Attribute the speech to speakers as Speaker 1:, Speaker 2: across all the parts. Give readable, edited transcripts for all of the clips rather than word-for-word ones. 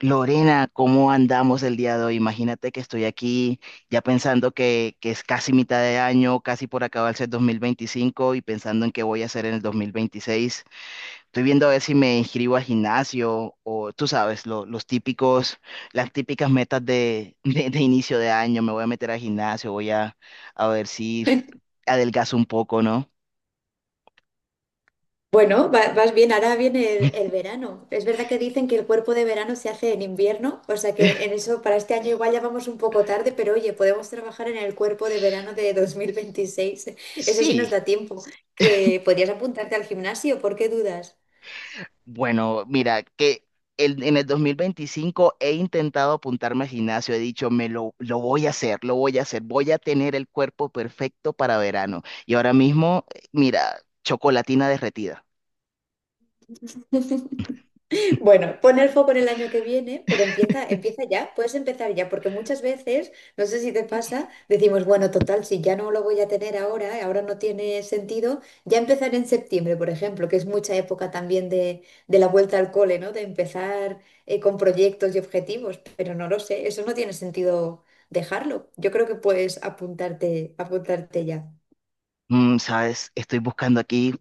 Speaker 1: Lorena, ¿cómo andamos el día de hoy? Imagínate que estoy aquí ya pensando que es casi mitad de año, casi por acabarse el 2025 y pensando en qué voy a hacer en el 2026. Estoy viendo a ver si me inscribo al gimnasio o tú sabes, los típicos, las típicas metas de inicio de año. Me voy a meter al gimnasio, a ver si adelgazo un poco, ¿no?
Speaker 2: Bueno, vas bien, ahora viene el verano. Es verdad que dicen que el cuerpo de verano se hace en invierno, o sea que en eso para este año igual ya vamos un poco tarde, pero oye, podemos trabajar en el cuerpo de verano de 2026. Eso sí
Speaker 1: Sí.
Speaker 2: nos da tiempo. Que podrías apuntarte al gimnasio, ¿por qué dudas?
Speaker 1: Bueno, mira, que en el 2025 he intentado apuntarme al gimnasio, he dicho, me lo voy a hacer, lo voy a hacer, voy a tener el cuerpo perfecto para verano. Y ahora mismo, mira, chocolatina derretida.
Speaker 2: Bueno, pon el foco en el año que viene, pero empieza, empieza ya, puedes empezar ya, porque muchas veces, no sé si te pasa, decimos, bueno, total, si ya no lo voy a tener ahora, ahora no tiene sentido, ya empezar en septiembre, por ejemplo, que es mucha época también de la vuelta al cole, ¿no? De empezar con proyectos y objetivos, pero no lo sé, eso no tiene sentido dejarlo. Yo creo que puedes apuntarte, apuntarte ya.
Speaker 1: Sabes, estoy buscando aquí,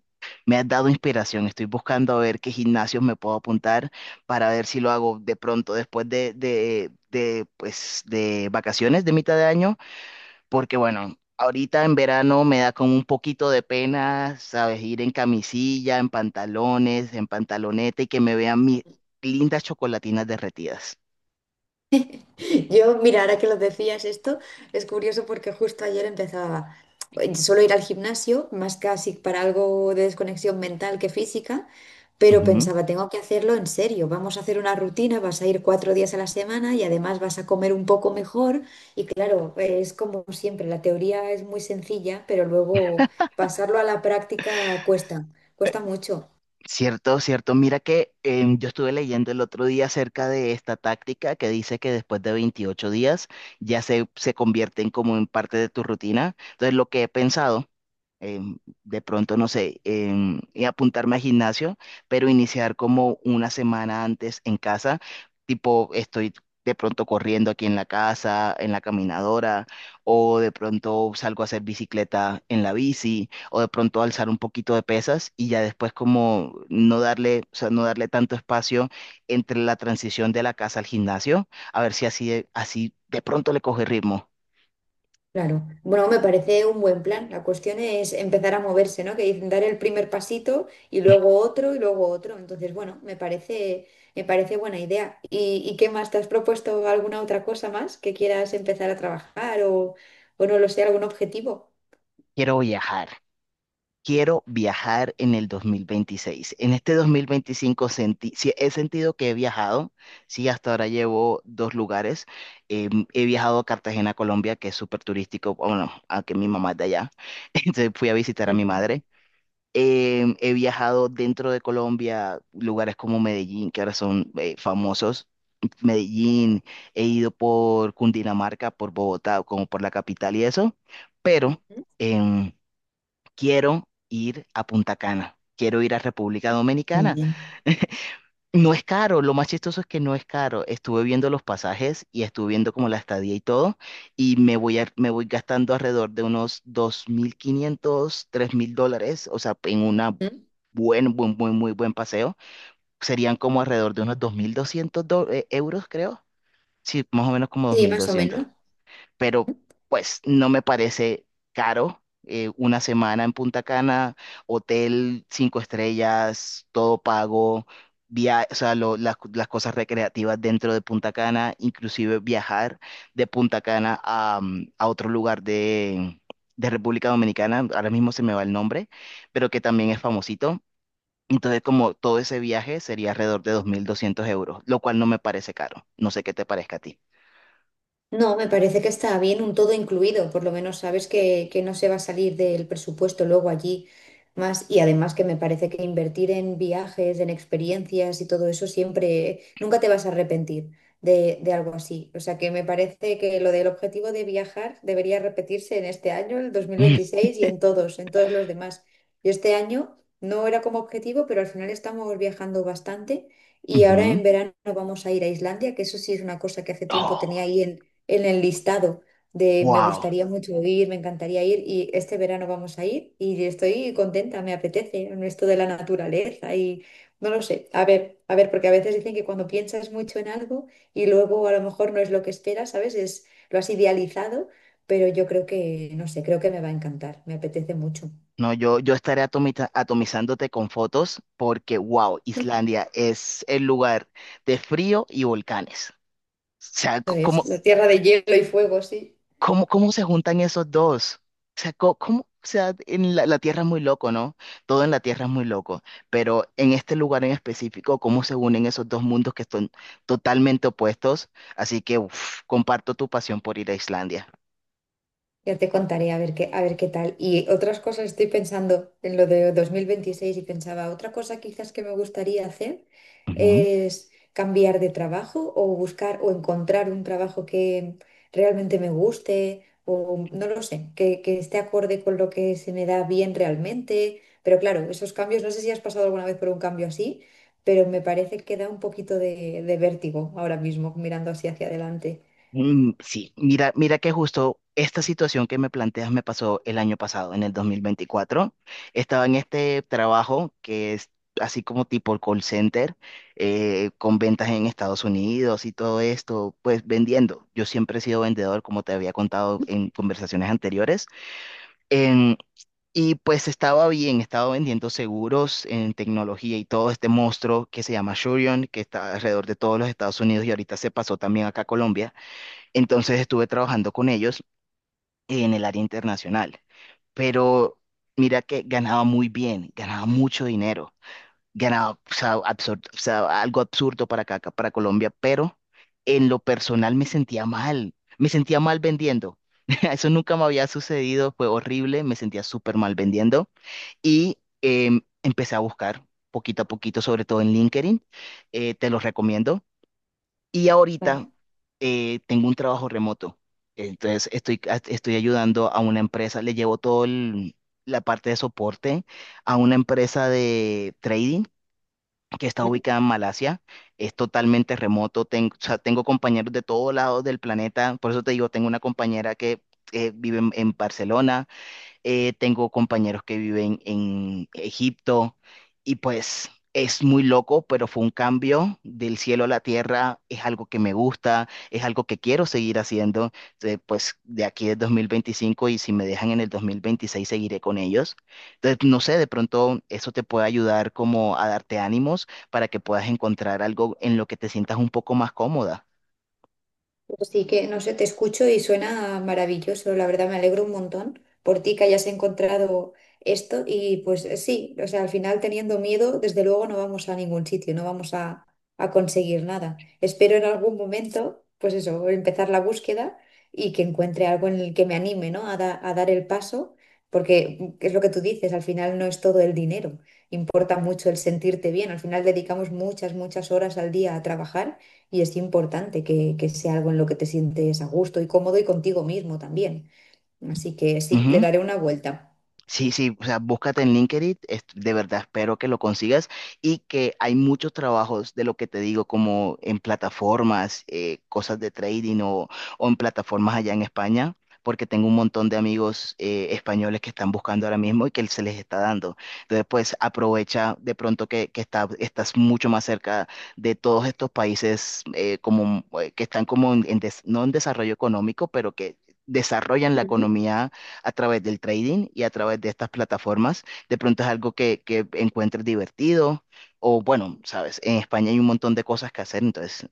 Speaker 1: me has dado inspiración, estoy buscando a ver qué gimnasios me puedo apuntar para ver si lo hago de pronto, después pues, de vacaciones de mitad de año. Porque bueno, ahorita en verano me da como un poquito de pena, ¿sabes? Ir en camisilla, en pantalones, en pantaloneta y que me vean mis lindas chocolatinas derretidas.
Speaker 2: Yo, mira, ahora que lo decías esto, es curioso porque justo ayer empezaba, solo ir al gimnasio, más casi para algo de desconexión mental que física, pero
Speaker 1: Ujú.
Speaker 2: pensaba, tengo que hacerlo en serio, vamos a hacer una rutina, vas a ir 4 días a la semana y además vas a comer un poco mejor. Y claro, es como siempre, la teoría es muy sencilla, pero luego pasarlo a la práctica cuesta, cuesta mucho.
Speaker 1: Cierto, cierto. Mira que yo estuve leyendo el otro día acerca de esta táctica que dice que después de 28 días ya se convierten como en parte de tu rutina. Entonces, lo que he pensado em, de pronto, no sé, y apuntarme al gimnasio, pero iniciar como una semana antes en casa, tipo estoy de pronto corriendo aquí en la casa, en la caminadora, o de pronto salgo a hacer bicicleta en la bici, o de pronto alzar un poquito de pesas y ya después como no darle, o sea, no darle tanto espacio entre la transición de la casa al gimnasio, a ver si así, así de pronto le coge ritmo.
Speaker 2: Claro. Bueno, me parece un buen plan. La cuestión es empezar a moverse, ¿no? Que dicen dar el primer pasito y luego otro y luego otro. Entonces, bueno, me parece buena idea. ¿Y qué más? ¿Te has propuesto alguna otra cosa más que quieras empezar a trabajar o no lo sé, algún objetivo?
Speaker 1: Quiero viajar. Quiero viajar en el 2026. En este 2025 sentí, sí, he sentido que he viajado, sí, hasta ahora llevo dos lugares. He viajado a Cartagena, Colombia, que es súper turístico, bueno, aunque mi mamá es de allá, entonces fui a visitar a mi
Speaker 2: Ujú.
Speaker 1: madre. He viajado dentro de Colombia, lugares como Medellín, que ahora son famosos. Medellín, he ido por Cundinamarca, por Bogotá, como por la capital y eso, pero em, quiero ir a Punta Cana, quiero ir a República
Speaker 2: Muy
Speaker 1: Dominicana.
Speaker 2: bien.
Speaker 1: No es caro, lo más chistoso es que no es caro. Estuve viendo los pasajes y estuve viendo como la estadía y todo, y me voy gastando alrededor de unos 2.500, 3.000 dólares, o sea, en una
Speaker 2: ¿Mm?
Speaker 1: muy buen paseo. Serían como alrededor de unos 2.200 euros, creo. Sí, más o menos como dos
Speaker 2: Sí,
Speaker 1: mil
Speaker 2: más o
Speaker 1: doscientos
Speaker 2: menos.
Speaker 1: pero pues no me parece caro. Una semana en Punta Cana, hotel cinco estrellas, todo pago, via o sea, las cosas recreativas dentro de Punta Cana, inclusive viajar de Punta Cana a, a otro lugar de República Dominicana, ahora mismo se me va el nombre, pero que también es famosito. Entonces, como todo ese viaje sería alrededor de 2.200 euros, lo cual no me parece caro. No sé qué te parezca a ti.
Speaker 2: No, me parece que está bien un todo incluido, por lo menos sabes que no se va a salir del presupuesto luego allí más y además que me parece que invertir en viajes, en experiencias y todo eso siempre, nunca te vas a arrepentir de algo así. O sea que me parece que lo del objetivo de viajar debería repetirse en este año, el dos mil veintiséis y en todos los demás. Yo este año no era como objetivo, pero al final estamos viajando bastante. Y ahora
Speaker 1: Ujú.
Speaker 2: en verano vamos a ir a Islandia, que eso sí es una cosa que hace tiempo tenía
Speaker 1: Oh.
Speaker 2: ahí en el listado de me
Speaker 1: Wow,
Speaker 2: gustaría mucho ir, me encantaría ir y este verano vamos a ir y estoy contenta, me apetece en esto de la naturaleza y no lo sé. A ver, porque a veces dicen que cuando piensas mucho en algo y luego a lo mejor no es lo que esperas, ¿sabes? Es, lo has idealizado, pero yo creo que, no sé, creo que me va a encantar, me apetece mucho.
Speaker 1: no, yo estaré atomizándote con fotos porque, wow, Islandia es el lugar de frío y volcanes. O sea,
Speaker 2: Eso es,
Speaker 1: ¿cómo,
Speaker 2: la tierra de hielo y fuego, sí.
Speaker 1: cómo, cómo se juntan esos dos? O sea, o sea, en la tierra es muy loco, ¿no? Todo en la tierra es muy loco, pero en este lugar en específico, ¿cómo se unen esos dos mundos que son totalmente opuestos? Así que, uf, comparto tu pasión por ir a Islandia.
Speaker 2: Ya te contaré a ver qué tal. Y otras cosas, estoy pensando en lo de 2026 y pensaba, otra cosa quizás que me gustaría hacer es cambiar de trabajo o buscar o encontrar un trabajo que realmente me guste o no lo sé, que esté acorde con lo que se me da bien realmente. Pero claro, esos cambios, no sé si has pasado alguna vez por un cambio así, pero me parece que da un poquito de vértigo ahora mismo mirando así hacia adelante.
Speaker 1: Mm, sí, mira, mira que justo esta situación que me planteas me pasó el año pasado, en el 2024. Estaba en este trabajo que es así como tipo call center, con ventas en Estados Unidos y todo esto, pues vendiendo. Yo siempre he sido vendedor, como te había contado en conversaciones anteriores. En- y pues estaba bien, estaba vendiendo seguros en tecnología y todo este monstruo que se llama Shurion, que está alrededor de todos los Estados Unidos y ahorita se pasó también acá a Colombia. Entonces estuve trabajando con ellos en el área internacional. Pero mira que ganaba muy bien, ganaba mucho dinero, ganaba, o sea, o sea, algo absurdo para acá, para Colombia, pero en lo personal me sentía mal vendiendo. Eso nunca me había sucedido, fue horrible, me sentía súper mal vendiendo y empecé a buscar poquito a poquito, sobre todo en LinkedIn. Te los recomiendo. Y ahorita
Speaker 2: Vale.
Speaker 1: tengo un trabajo remoto. Entonces estoy ayudando a una empresa, le llevo todo la parte de soporte a una empresa de trading que está ubicada en Malasia. Es totalmente remoto, tengo, o sea, tengo compañeros de todos lados del planeta. Por eso te digo, tengo una compañera que vive en Barcelona, tengo compañeros que viven en Egipto y pues es muy loco, pero fue un cambio del cielo a la tierra, es algo que me gusta, es algo que quiero seguir haciendo. Entonces, pues de aquí es 2025 y si me dejan en el 2026 seguiré con ellos. Entonces, no sé, de pronto eso te puede ayudar como a darte ánimos para que puedas encontrar algo en lo que te sientas un poco más cómoda.
Speaker 2: Así que, no sé, te escucho y suena maravilloso, la verdad me alegro un montón por ti que hayas encontrado esto y pues sí, o sea, al final teniendo miedo, desde luego no vamos a ningún sitio, no vamos a conseguir nada. Espero en algún momento, pues eso, empezar la búsqueda y que encuentre algo en el que me anime, ¿no? A, a dar el paso, porque es lo que tú dices, al final no es todo el dinero, importa mucho el sentirte bien, al final dedicamos muchas, muchas horas al día a trabajar y es importante que sea algo en lo que te sientes a gusto y cómodo y contigo mismo también. Así que sí, le daré una vuelta.
Speaker 1: Sí, sí, o sea, búscate en LinkedIn, de verdad espero que lo consigas, y que hay muchos trabajos de lo que te digo, como en plataformas, cosas de trading o en plataformas allá en España, porque tengo un montón de amigos españoles que están buscando ahora mismo y que se les está dando. Entonces, pues aprovecha de pronto que estás mucho más cerca de todos estos países, como, que están como no en desarrollo económico, pero que desarrollan la
Speaker 2: Ujú.
Speaker 1: economía a través del trading y a través de estas plataformas. De pronto es algo que encuentres divertido, o bueno, sabes, en España hay un montón de cosas que hacer. Entonces,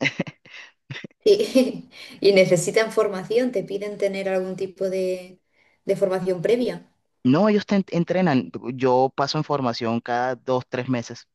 Speaker 2: Sí. ¿Y necesitan formación? ¿Te piden tener algún tipo de formación previa?
Speaker 1: no, ellos te entrenan. Yo paso en formación cada 2, 3 meses,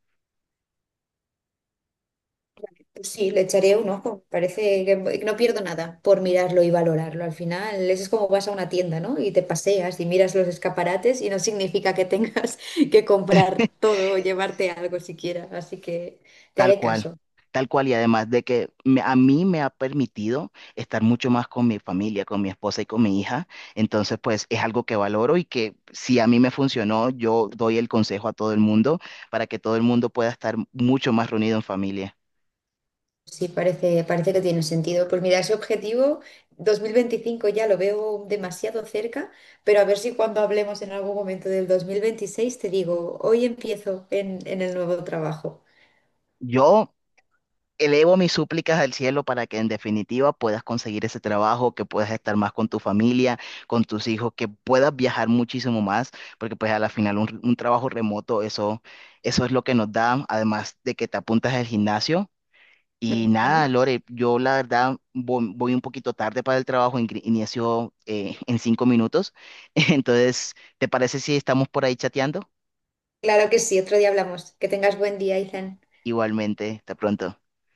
Speaker 2: Pues sí, le echaré un ojo. Parece que no pierdo nada por mirarlo y valorarlo. Al final, eso es como vas a una tienda, ¿no? Y te paseas y miras los escaparates y no significa que tengas que comprar todo o llevarte algo siquiera. Así que te
Speaker 1: tal
Speaker 2: haré
Speaker 1: cual.
Speaker 2: caso.
Speaker 1: Tal cual, y además de que a mí me ha permitido estar mucho más con mi familia, con mi esposa y con mi hija. Entonces, pues es algo que valoro y que si a mí me funcionó, yo doy el consejo a todo el mundo para que todo el mundo pueda estar mucho más reunido en familia.
Speaker 2: Sí, parece, parece que tiene sentido. Pues mira, ese objetivo 2025 ya lo veo demasiado cerca, pero a ver si cuando hablemos en algún momento del 2026 te digo, hoy empiezo en el nuevo trabajo.
Speaker 1: Yo elevo mis súplicas al cielo para que en definitiva puedas conseguir ese trabajo, que puedas estar más con tu familia, con tus hijos, que puedas viajar muchísimo más, porque pues a la final un trabajo remoto, eso es lo que nos da, además de que te apuntas al gimnasio. Y nada,
Speaker 2: Ujú.
Speaker 1: Lore, yo la verdad voy un poquito tarde para el trabajo, inicio en 5 minutos. Entonces, ¿te parece si estamos por ahí chateando?
Speaker 2: Claro que sí, otro día hablamos. Que tengas buen día, Izan.
Speaker 1: Igualmente, hasta pronto.